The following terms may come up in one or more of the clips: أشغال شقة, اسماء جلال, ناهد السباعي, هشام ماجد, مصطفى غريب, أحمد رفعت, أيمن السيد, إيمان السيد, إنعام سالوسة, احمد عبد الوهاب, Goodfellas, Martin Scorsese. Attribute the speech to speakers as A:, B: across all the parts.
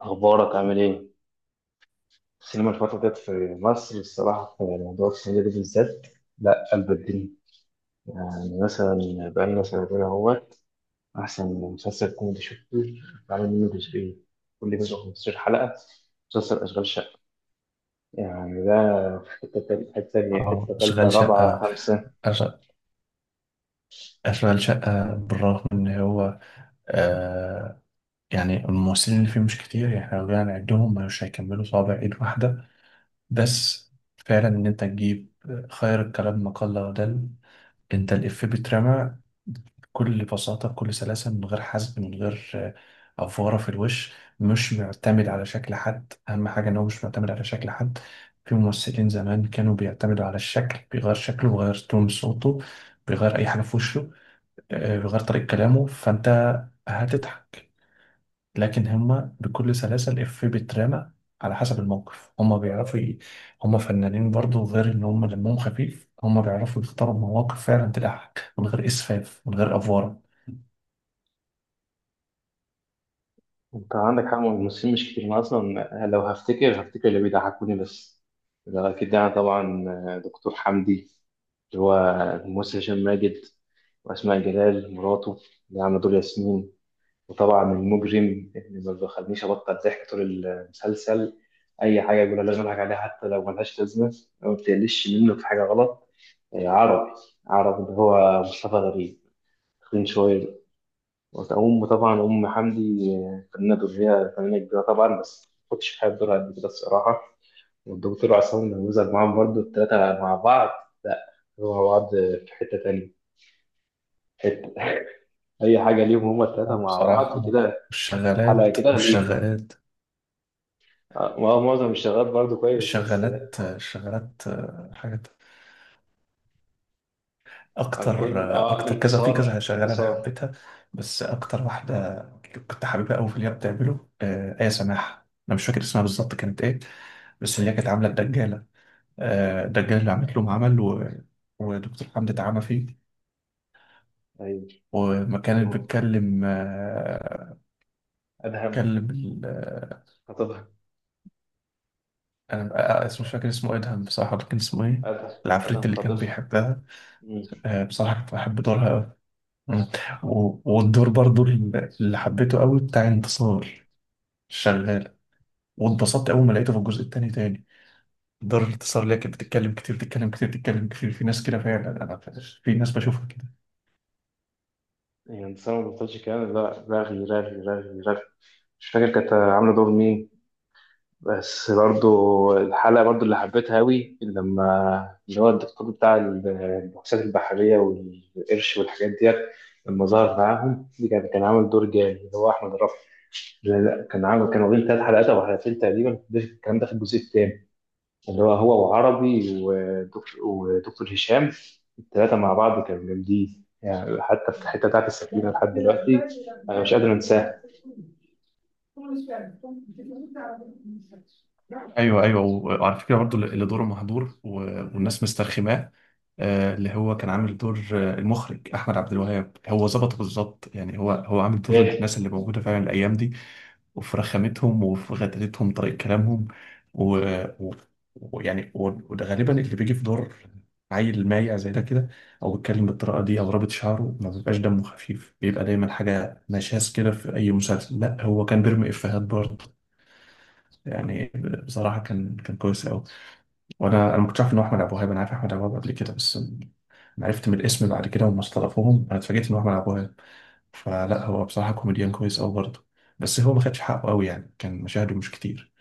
A: أخبارك عامل إيه؟ السينما الفترة ديت في مصر الصراحة في موضوع السنة دي بالذات. لا قلب الدنيا، يعني مثلا بقالنا سنتين أهوت. أحسن مسلسل كوميدي شفته، بعمل منه جزئين، كل جزء 15 حلقة، مسلسل أشغال شقة. يعني ده في حتة تانية، حتة
B: اه،
A: تالتة،
B: اشغال
A: رابعة،
B: شقة.
A: خمسة.
B: أش- اشغال شقة، بالرغم ان هو آه يعني الممثلين اللي فيه مش كتير، يعني احنا لو جينا نعدهم مش هيكملوا صوابع ايد واحدة. بس فعلا ان انت تجيب خير الكلام ما قل ودل. انت الإفيه بيترمى بكل بساطة، بكل سلاسة، من غير حزق، من غير أفوارة في الوش، مش معتمد على شكل حد. أهم حاجة إن هو مش معتمد على شكل حد. في ممثلين زمان كانوا بيعتمدوا على الشكل، بيغير شكله، بيغير تون صوته، بيغير أي حاجة في وشه، بيغير طريقة كلامه، فأنت هتضحك. لكن هما بكل سلاسة الإفيه بيترمى على حسب الموقف. هما بيعرفوا هما فنانين برضو، غير إن هما دمهم خفيف، هما بيعرفوا يختاروا مواقف فعلا تضحك من غير إسفاف، من غير أفوارة.
A: أنت عندك حق، الممثلين مش كتير، أنا أصلا لو هفتكر اللي بيضحكوني بس. ده أكيد يعني طبعا دكتور حمدي، اللي هو الممثل هشام ماجد، وأسماء جلال مراته اللي عاملة دور ياسمين. وطبعا المجرم اللي ما بيخلينيش أبطل ضحك طول المسلسل، أي حاجة يقولها لازم أضحك عليها حتى لو ملهاش لازمة أو بتقلش منه في حاجة غلط. عربي، عربي اللي هو مصطفى غريب، تخين شوية. وأم طبعا أم حمدي، فنانة دورية، فنانة كبيرة طبعا، بس ما كنتش بحب دورها قد كده الصراحة. والدكتور عصام الموزع معاهم برضه، التلاتة مع بعض. لا، هو مع بعض في حتة تانية. حته اي حاجه ليهم، هما الثلاثه
B: آه،
A: مع بعض
B: بصراحة.
A: كده، حلقه
B: والشغالات
A: كده ليهم.
B: والشغالات
A: ما هو معظم الشغال برضو كويس بس.
B: الشغالات، حاجات أكتر
A: كل
B: آه، أكتر كذا في
A: انتصار
B: كذا. شغالة أنا
A: انتصار
B: حبيتها، بس أكتر واحدة كنت حاببها أوي في اللي هي بتعمله آية سماحة. أنا مش فاكر اسمها بالظبط كانت إيه، بس اللي هي كانت عاملة الدجالة. آه، الدجالة اللي عملت لهم عمل، ودكتور حمدي اتعمى فيه.
A: ايوه
B: وما كانت
A: دول.
B: بتكلم،
A: ادهم
B: بتكلم ال... آه،
A: خطيبها،
B: أنا آه، مش فاكر اسمه. إدهم. بصراحة كان اسمه إيه؟
A: ادهم
B: العفريت
A: ادهم
B: اللي كان
A: خطيبها.
B: بيحبها.
A: مم.
B: آه، بصراحة كنت بحب دورها أوي. مم. والدور برضو اللي حبيته أوي بتاع انتصار الشغالة. واتبسطت أول ما لقيته في الجزء التاني تاني. دور الانتصار، اللي هي كانت بتتكلم كتير، بتتكلم كتير، بتتكلم كتير. في ناس كده فعلا. أنا في ناس بشوفها كده.
A: يعني انتصار ما بطلش كلام، لا رغي رغي رغي رغي، مش فاكر كانت عامله دور مين بس برضو. الحلقة برضو اللي حبيتها أوي لما اللي هو الدكتور بتاع البحوثات البحرية والقرش والحاجات ديت، لما ظهر معاهم دي كان عامل دور جامد، اللي هو أحمد رفعت. لا لا، كان عامل، كانوا واخدين تلات حلقات أو حلقتين تقريبا، الكلام ده في الجزء التاني، اللي هو هو وعربي ودكتور هشام، التلاتة مع بعض كانوا جامدين، يعني حتى في الحتة بتاعت السفينة لحد دلوقتي أنا مش قادر
B: ايوه، ايوه، وعلى فكره برضو اللي دوره مهدور والناس مسترخماه، آه، اللي هو كان عامل دور المخرج احمد عبد الوهاب. هو ظبطه بالظبط، يعني هو عامل دور
A: أنساها.
B: الناس اللي موجوده فعلا الايام دي، وفي رخامتهم، وفي غدرتهم، طريقة كلامهم. و... و... وده غالبا اللي بيجي في دور عيل مايع زي ده كده، او بيتكلم بالطريقه دي، او رابط شعره، ما بيبقاش دمه خفيف، بيبقى دايما حاجه نشاز كده في اي مسلسل. لا، هو كان بيرمي افيهات برضه، يعني بصراحه كان كويس قوي. وانا ما كنتش عارف ان هو احمد ابو وهاب. انا عارف احمد ابو وهاب قبل كده بس. أنا عرفت من الاسم بعد كده، وما استلفوهم انا اتفاجئت ان هو احمد ابو وهاب. فلا، هو بصراحه كوميديان كويس قوي برضه، بس هو ما خدش حقه قوي، يعني كان مشاهده مش كتير.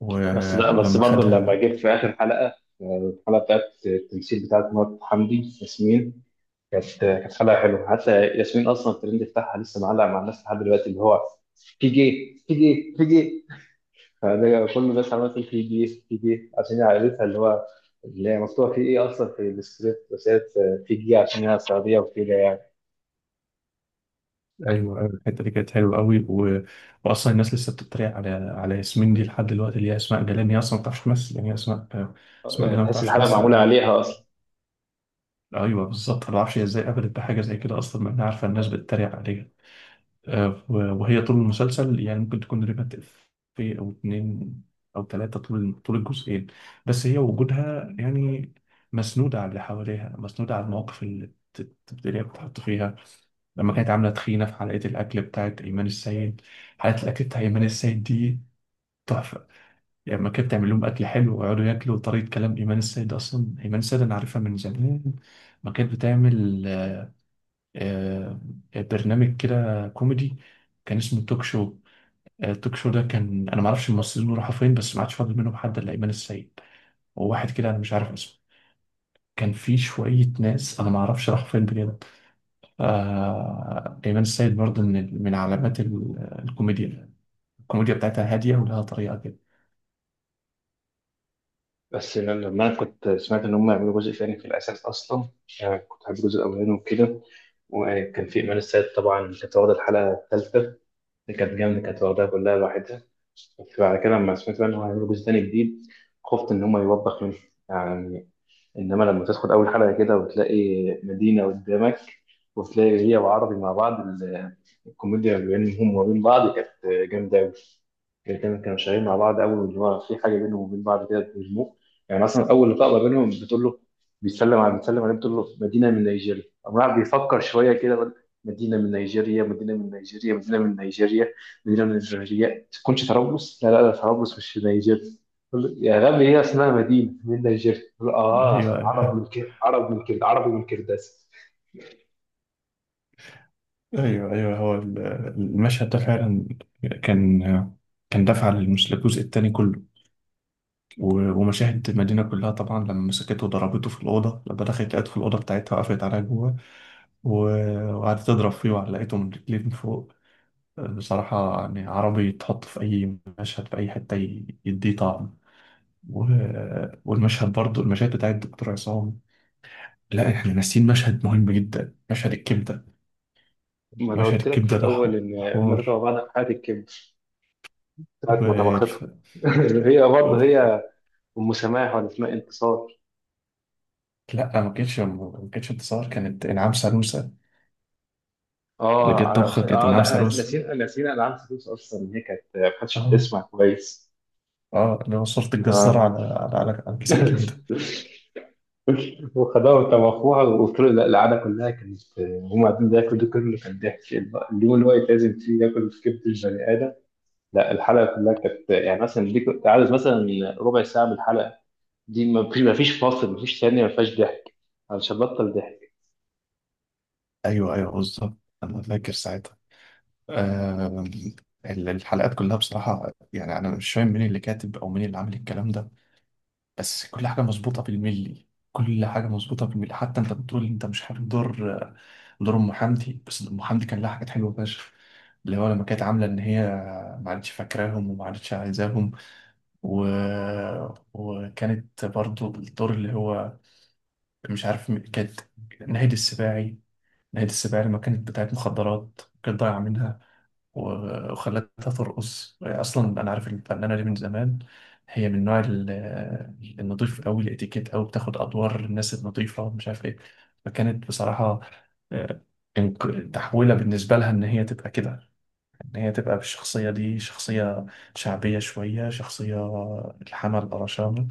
B: و...
A: بس لا بس
B: ولما
A: برضه لما
B: خدها.
A: جيت في اخر حلقه، الحلقه بتاعت التمثيل بتاعت مرات حمدي ياسمين، كانت حلقه حلوه. حتى ياسمين اصلا الترند بتاعها لسه معلق مع الناس لحد دلوقتي، اللي هو في جي في جي في جي، فده كل الناس عماله تقول في جي في جي عشان هي عائلتها، اللي هو اللي هي مكتوبه في ايه اصلا في السكريبت، بس هي في جي عشان هي سعوديه وكده يعني.
B: ايوه، أيوة، الحته دي كانت حلوه قوي. واصلا الناس لسه بتتريق على ياسمين دي لحد دلوقتي، اللي هي اسماء جلال. هي اصلا ما بتعرفش تمثل، يعني هي اسماء. اسماء
A: يعني
B: جلال ما
A: تحس
B: بتعرفش
A: الحلقه
B: تمثل
A: معموله
B: قوي.
A: عليها اصلا.
B: ايوه، بالظبط. انا ما اعرفش هي ازاي قبلت بحاجه زي كده اصلا، ما انا عارفه الناس بتتريق عليها. آه، وهي طول المسلسل يعني ممكن تكون رمت في او اتنين او ثلاثه، طول طول الجزئين. بس هي وجودها يعني مسنوده على اللي حواليها، مسنوده على المواقف اللي اللي هي بتتحط فيها. لما كانت عاملة طحينة في حلقة الأكل بتاعت أيمن السيد. حلقة الأكل بتاع أيمن السيد دي تحفة، يعني لما كانت بتعمل لهم أكل حلو ويقعدوا ياكلوا. وطريقة كلام إيمان السيد، أصلا إيمان السيد أنا عارفها من زمان. ما كانت بتعمل آه، برنامج كده كوميدي كان اسمه توك شو. آه، التوك شو ده كان، أنا ما أعرفش الممثلين راحوا فين، بس ما عادش فاضل منهم حد إلا إيمان السيد، وواحد كده أنا مش عارف اسمه. كان في شوية ناس أنا ما أعرفش راحوا فين بجد. آه، إيمان السيد برضه من علامات الكوميديا. الكوميديا بتاعتها هادية، ولها طريقة كده.
A: بس لما انا كنت سمعت ان هم يعملوا جزء ثاني في الاساس اصلا، يعني كنت حابب الجزء الاولاني وكده، وكان في ايمان السيد طبعا، كانت واخده الحلقه الثالثه اللي كانت جامده، كانت واخدها كلها لوحدها. بس بعد كده لما سمعت بقى ان هم هيعملوا جزء ثاني جديد، خفت ان هم يوبخ منه يعني. انما لما تدخل اول حلقه كده وتلاقي مدينه قدامك، وتلاقي هي وعربي مع بعض، الكوميديا ما بينهم وما بين بعض كانت جامده. الاتنين كانوا شغالين مع بعض اول، واللي هو في حاجه بينهم وبين بعض كده بيرموه. يعني مثلا اول لقاء بينهم بتقول له، بيتسلم عليه، بتقول له مدينه من نيجيريا، قام راح بيفكر شويه كده بيقول: مدينه من نيجيريا، مدينه من نيجيريا، مدينه من نيجيريا، مدينه من نيجيريا، ما تكونش طرابلس؟ لا لا لا، طرابلس مش في نيجيريا. يقول له: يا غبي هي اسمها مدينه من نيجيريا. يقول له: اه،
B: ايوه،
A: عرب
B: ايوه،
A: من كده، عرب من كده، عربي من كرداس.
B: ايوه، ايوه، هو المشهد ده فعلا كان كان دافع للجزء التاني كله. ومشاهد المدينه كلها طبعا، لما مسكته وضربته في الاوضه، لما دخلت لقيته في الاوضه بتاعتها، وقفت عليها جوه وقعدت تضرب فيه، وعلقته من رجليه من فوق. بصراحه يعني عربي يتحط في اي مشهد في اي حته يديه طعم. والمشهد برضه، المشاهد بتاعت الدكتور عصام. لا، احنا ناسيين مشهد مهم جدا، مشهد الكبده.
A: ما انا
B: مشهد
A: قلت لك في
B: الكبدة ده
A: الاول ان هم تبع
B: حوار
A: بعض في حياه الكبر، ساعه ما طبختهم
B: والف...
A: هي
B: و...
A: برضه هي ام سماح، ولا اسمها انتصار؟
B: لا، ما كانتش انتصار، كانت إنعام سالوسة. اللي جت طبخة كانت
A: اه ده
B: إنعام
A: احنا
B: سالوسة.
A: ناسيين العاب فلوس اصلا، ان هي ما كانتش
B: اه،
A: بتسمع كويس.
B: اه، اللي هو صورة الجزار
A: اه
B: على على كيس الكبدة.
A: وخدوها وطبخوها، وقلت له لا، القعده كلها كانت، هم قاعدين بياكلوا ده كله كان ضحك، اليوم اللي هو يتلازم فيه ياكل في كبد البني ادم. لا الحلقه كلها كانت، يعني مثلا دي كنت عايز مثلا ربع ساعه من الحلقه دي، ما فيش فاصل، ما فيش ثانيه ما فيهاش ضحك، علشان بطل ضحك.
B: ايوه، ايوه، بالظبط انا فاكر ساعتها. آه... الحلقات كلها بصراحة يعني انا مش فاهم مين اللي كاتب او مين اللي عامل الكلام ده، بس كل حاجة مظبوطة بالملي، كل حاجة مظبوطة بالملي. حتى انت بتقول انت مش حابب دور ام حمدي، بس ام حمدي كان لها حاجات حلوة فشخ. اللي هو لما كانت عاملة ان هي ما عادتش فاكراهم، وما عادتش عايزاهم. و... وكانت برضو الدور اللي هو مش عارف كانت ناهد السباعي. ناهد السباعي لما كانت بتاعت مخدرات، كانت ضايعة منها، وخلتها ترقص. اصلا انا عارف الفنانه دي من زمان. هي من نوع النضيف قوي، الاتيكيت قوي، بتاخد ادوار الناس النضيفه ومش عارف ايه. فكانت بصراحه آه، تحويله بالنسبه لها ان هي تبقى كده، ان هي تبقى بالشخصيه دي، شخصيه شعبيه شويه، شخصيه الحمل القرشام.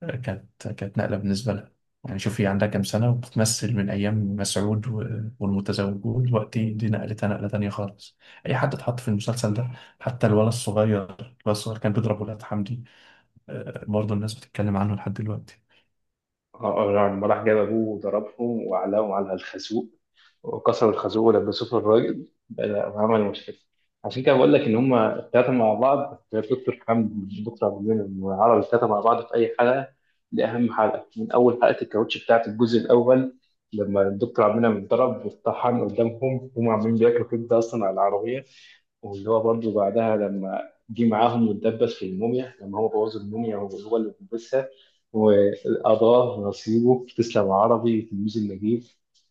B: كانت نقلة بالنسبة لها، يعني شوف هي عندها كام سنة وبتمثل من أيام مسعود والمتزوجون، دلوقتي دي نقلتها نقلة تانية خالص. أي حد اتحط في المسلسل ده، حتى الولد الصغير كان بيضرب ولاد حمدي. آه، برضه الناس بتتكلم عنه لحد دلوقتي.
A: لما راح جاب أبوه وضربهم وعلقهم على الخازوق، وكسر الخازوق ولبسوه في الراجل بقى- وعمل مشكلة. عشان كده بقول لك إن هما التلاتة مع بعض، دكتور حمد، دكتور عبد المنعم، وعرب، التلاتة مع بعض في أي حلقة. دي أهم حلقة، من أول حلقة الكاوتش بتاعة الجزء الأول لما الدكتور عبد المنعم اتضرب واتطحن قدامهم، هما عاملين بياكلوا كبدة أصلا على العربية. واللي هو برضه بعدها، لما جه معاهم واتدبس في الموميا، لما هو بوظ الموميا وهو اللي لبسها، قضاه نصيبه، تسلم يا عربي تلميذ النجيب.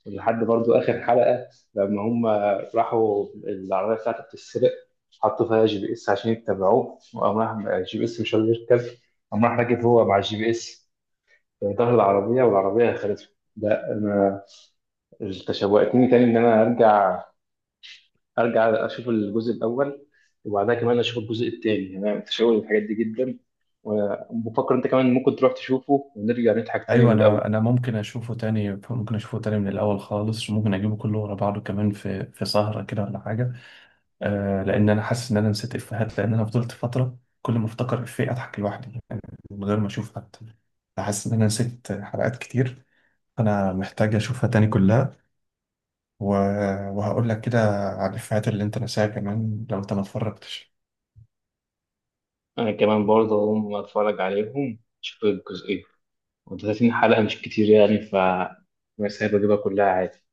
A: لحد برضو آخر حلقة لما هم راحوا العربية بتاعته بتتسرق، حطوا فيها GPS عشان يتبعوه، وقام راح الGPS مش قادر يركب، قام راح راكب هو مع الGPS في ظهر العربية، والعربية خدته. ده أنا تشوقتني تاني إن أنا أرجع أشوف الجزء الأول، وبعدها كمان أشوف الجزء التاني، يعني أنا متشوق للحاجات دي جدا. وبفكر أنت كمان ممكن تروح تشوفه ونرجع نضحك تاني
B: أيوة،
A: من الأول.
B: أنا ممكن أشوفه تاني. ممكن أشوفه تاني من الأول خالص، ممكن أجيبه كله ورا بعضه كمان في سهرة كده ولا حاجة. آه، لان انا حاسس ان انا نسيت افيهات، لان انا فضلت فتره كل ما افتكر افيه اضحك لوحدي، يعني من غير ما اشوف حد. حاسس ان انا نسيت حلقات كتير. انا محتاج اشوفها تاني كلها. و... وهقول لك كده على الافيهات اللي انت نساها كمان، لو انت ما اتفرجتش.
A: انا كمان برضه هقوم اتفرج عليهم، اشوف الجزئين. و30 حلقة مش كتير يعني، ف بس هجيبها كلها عادي.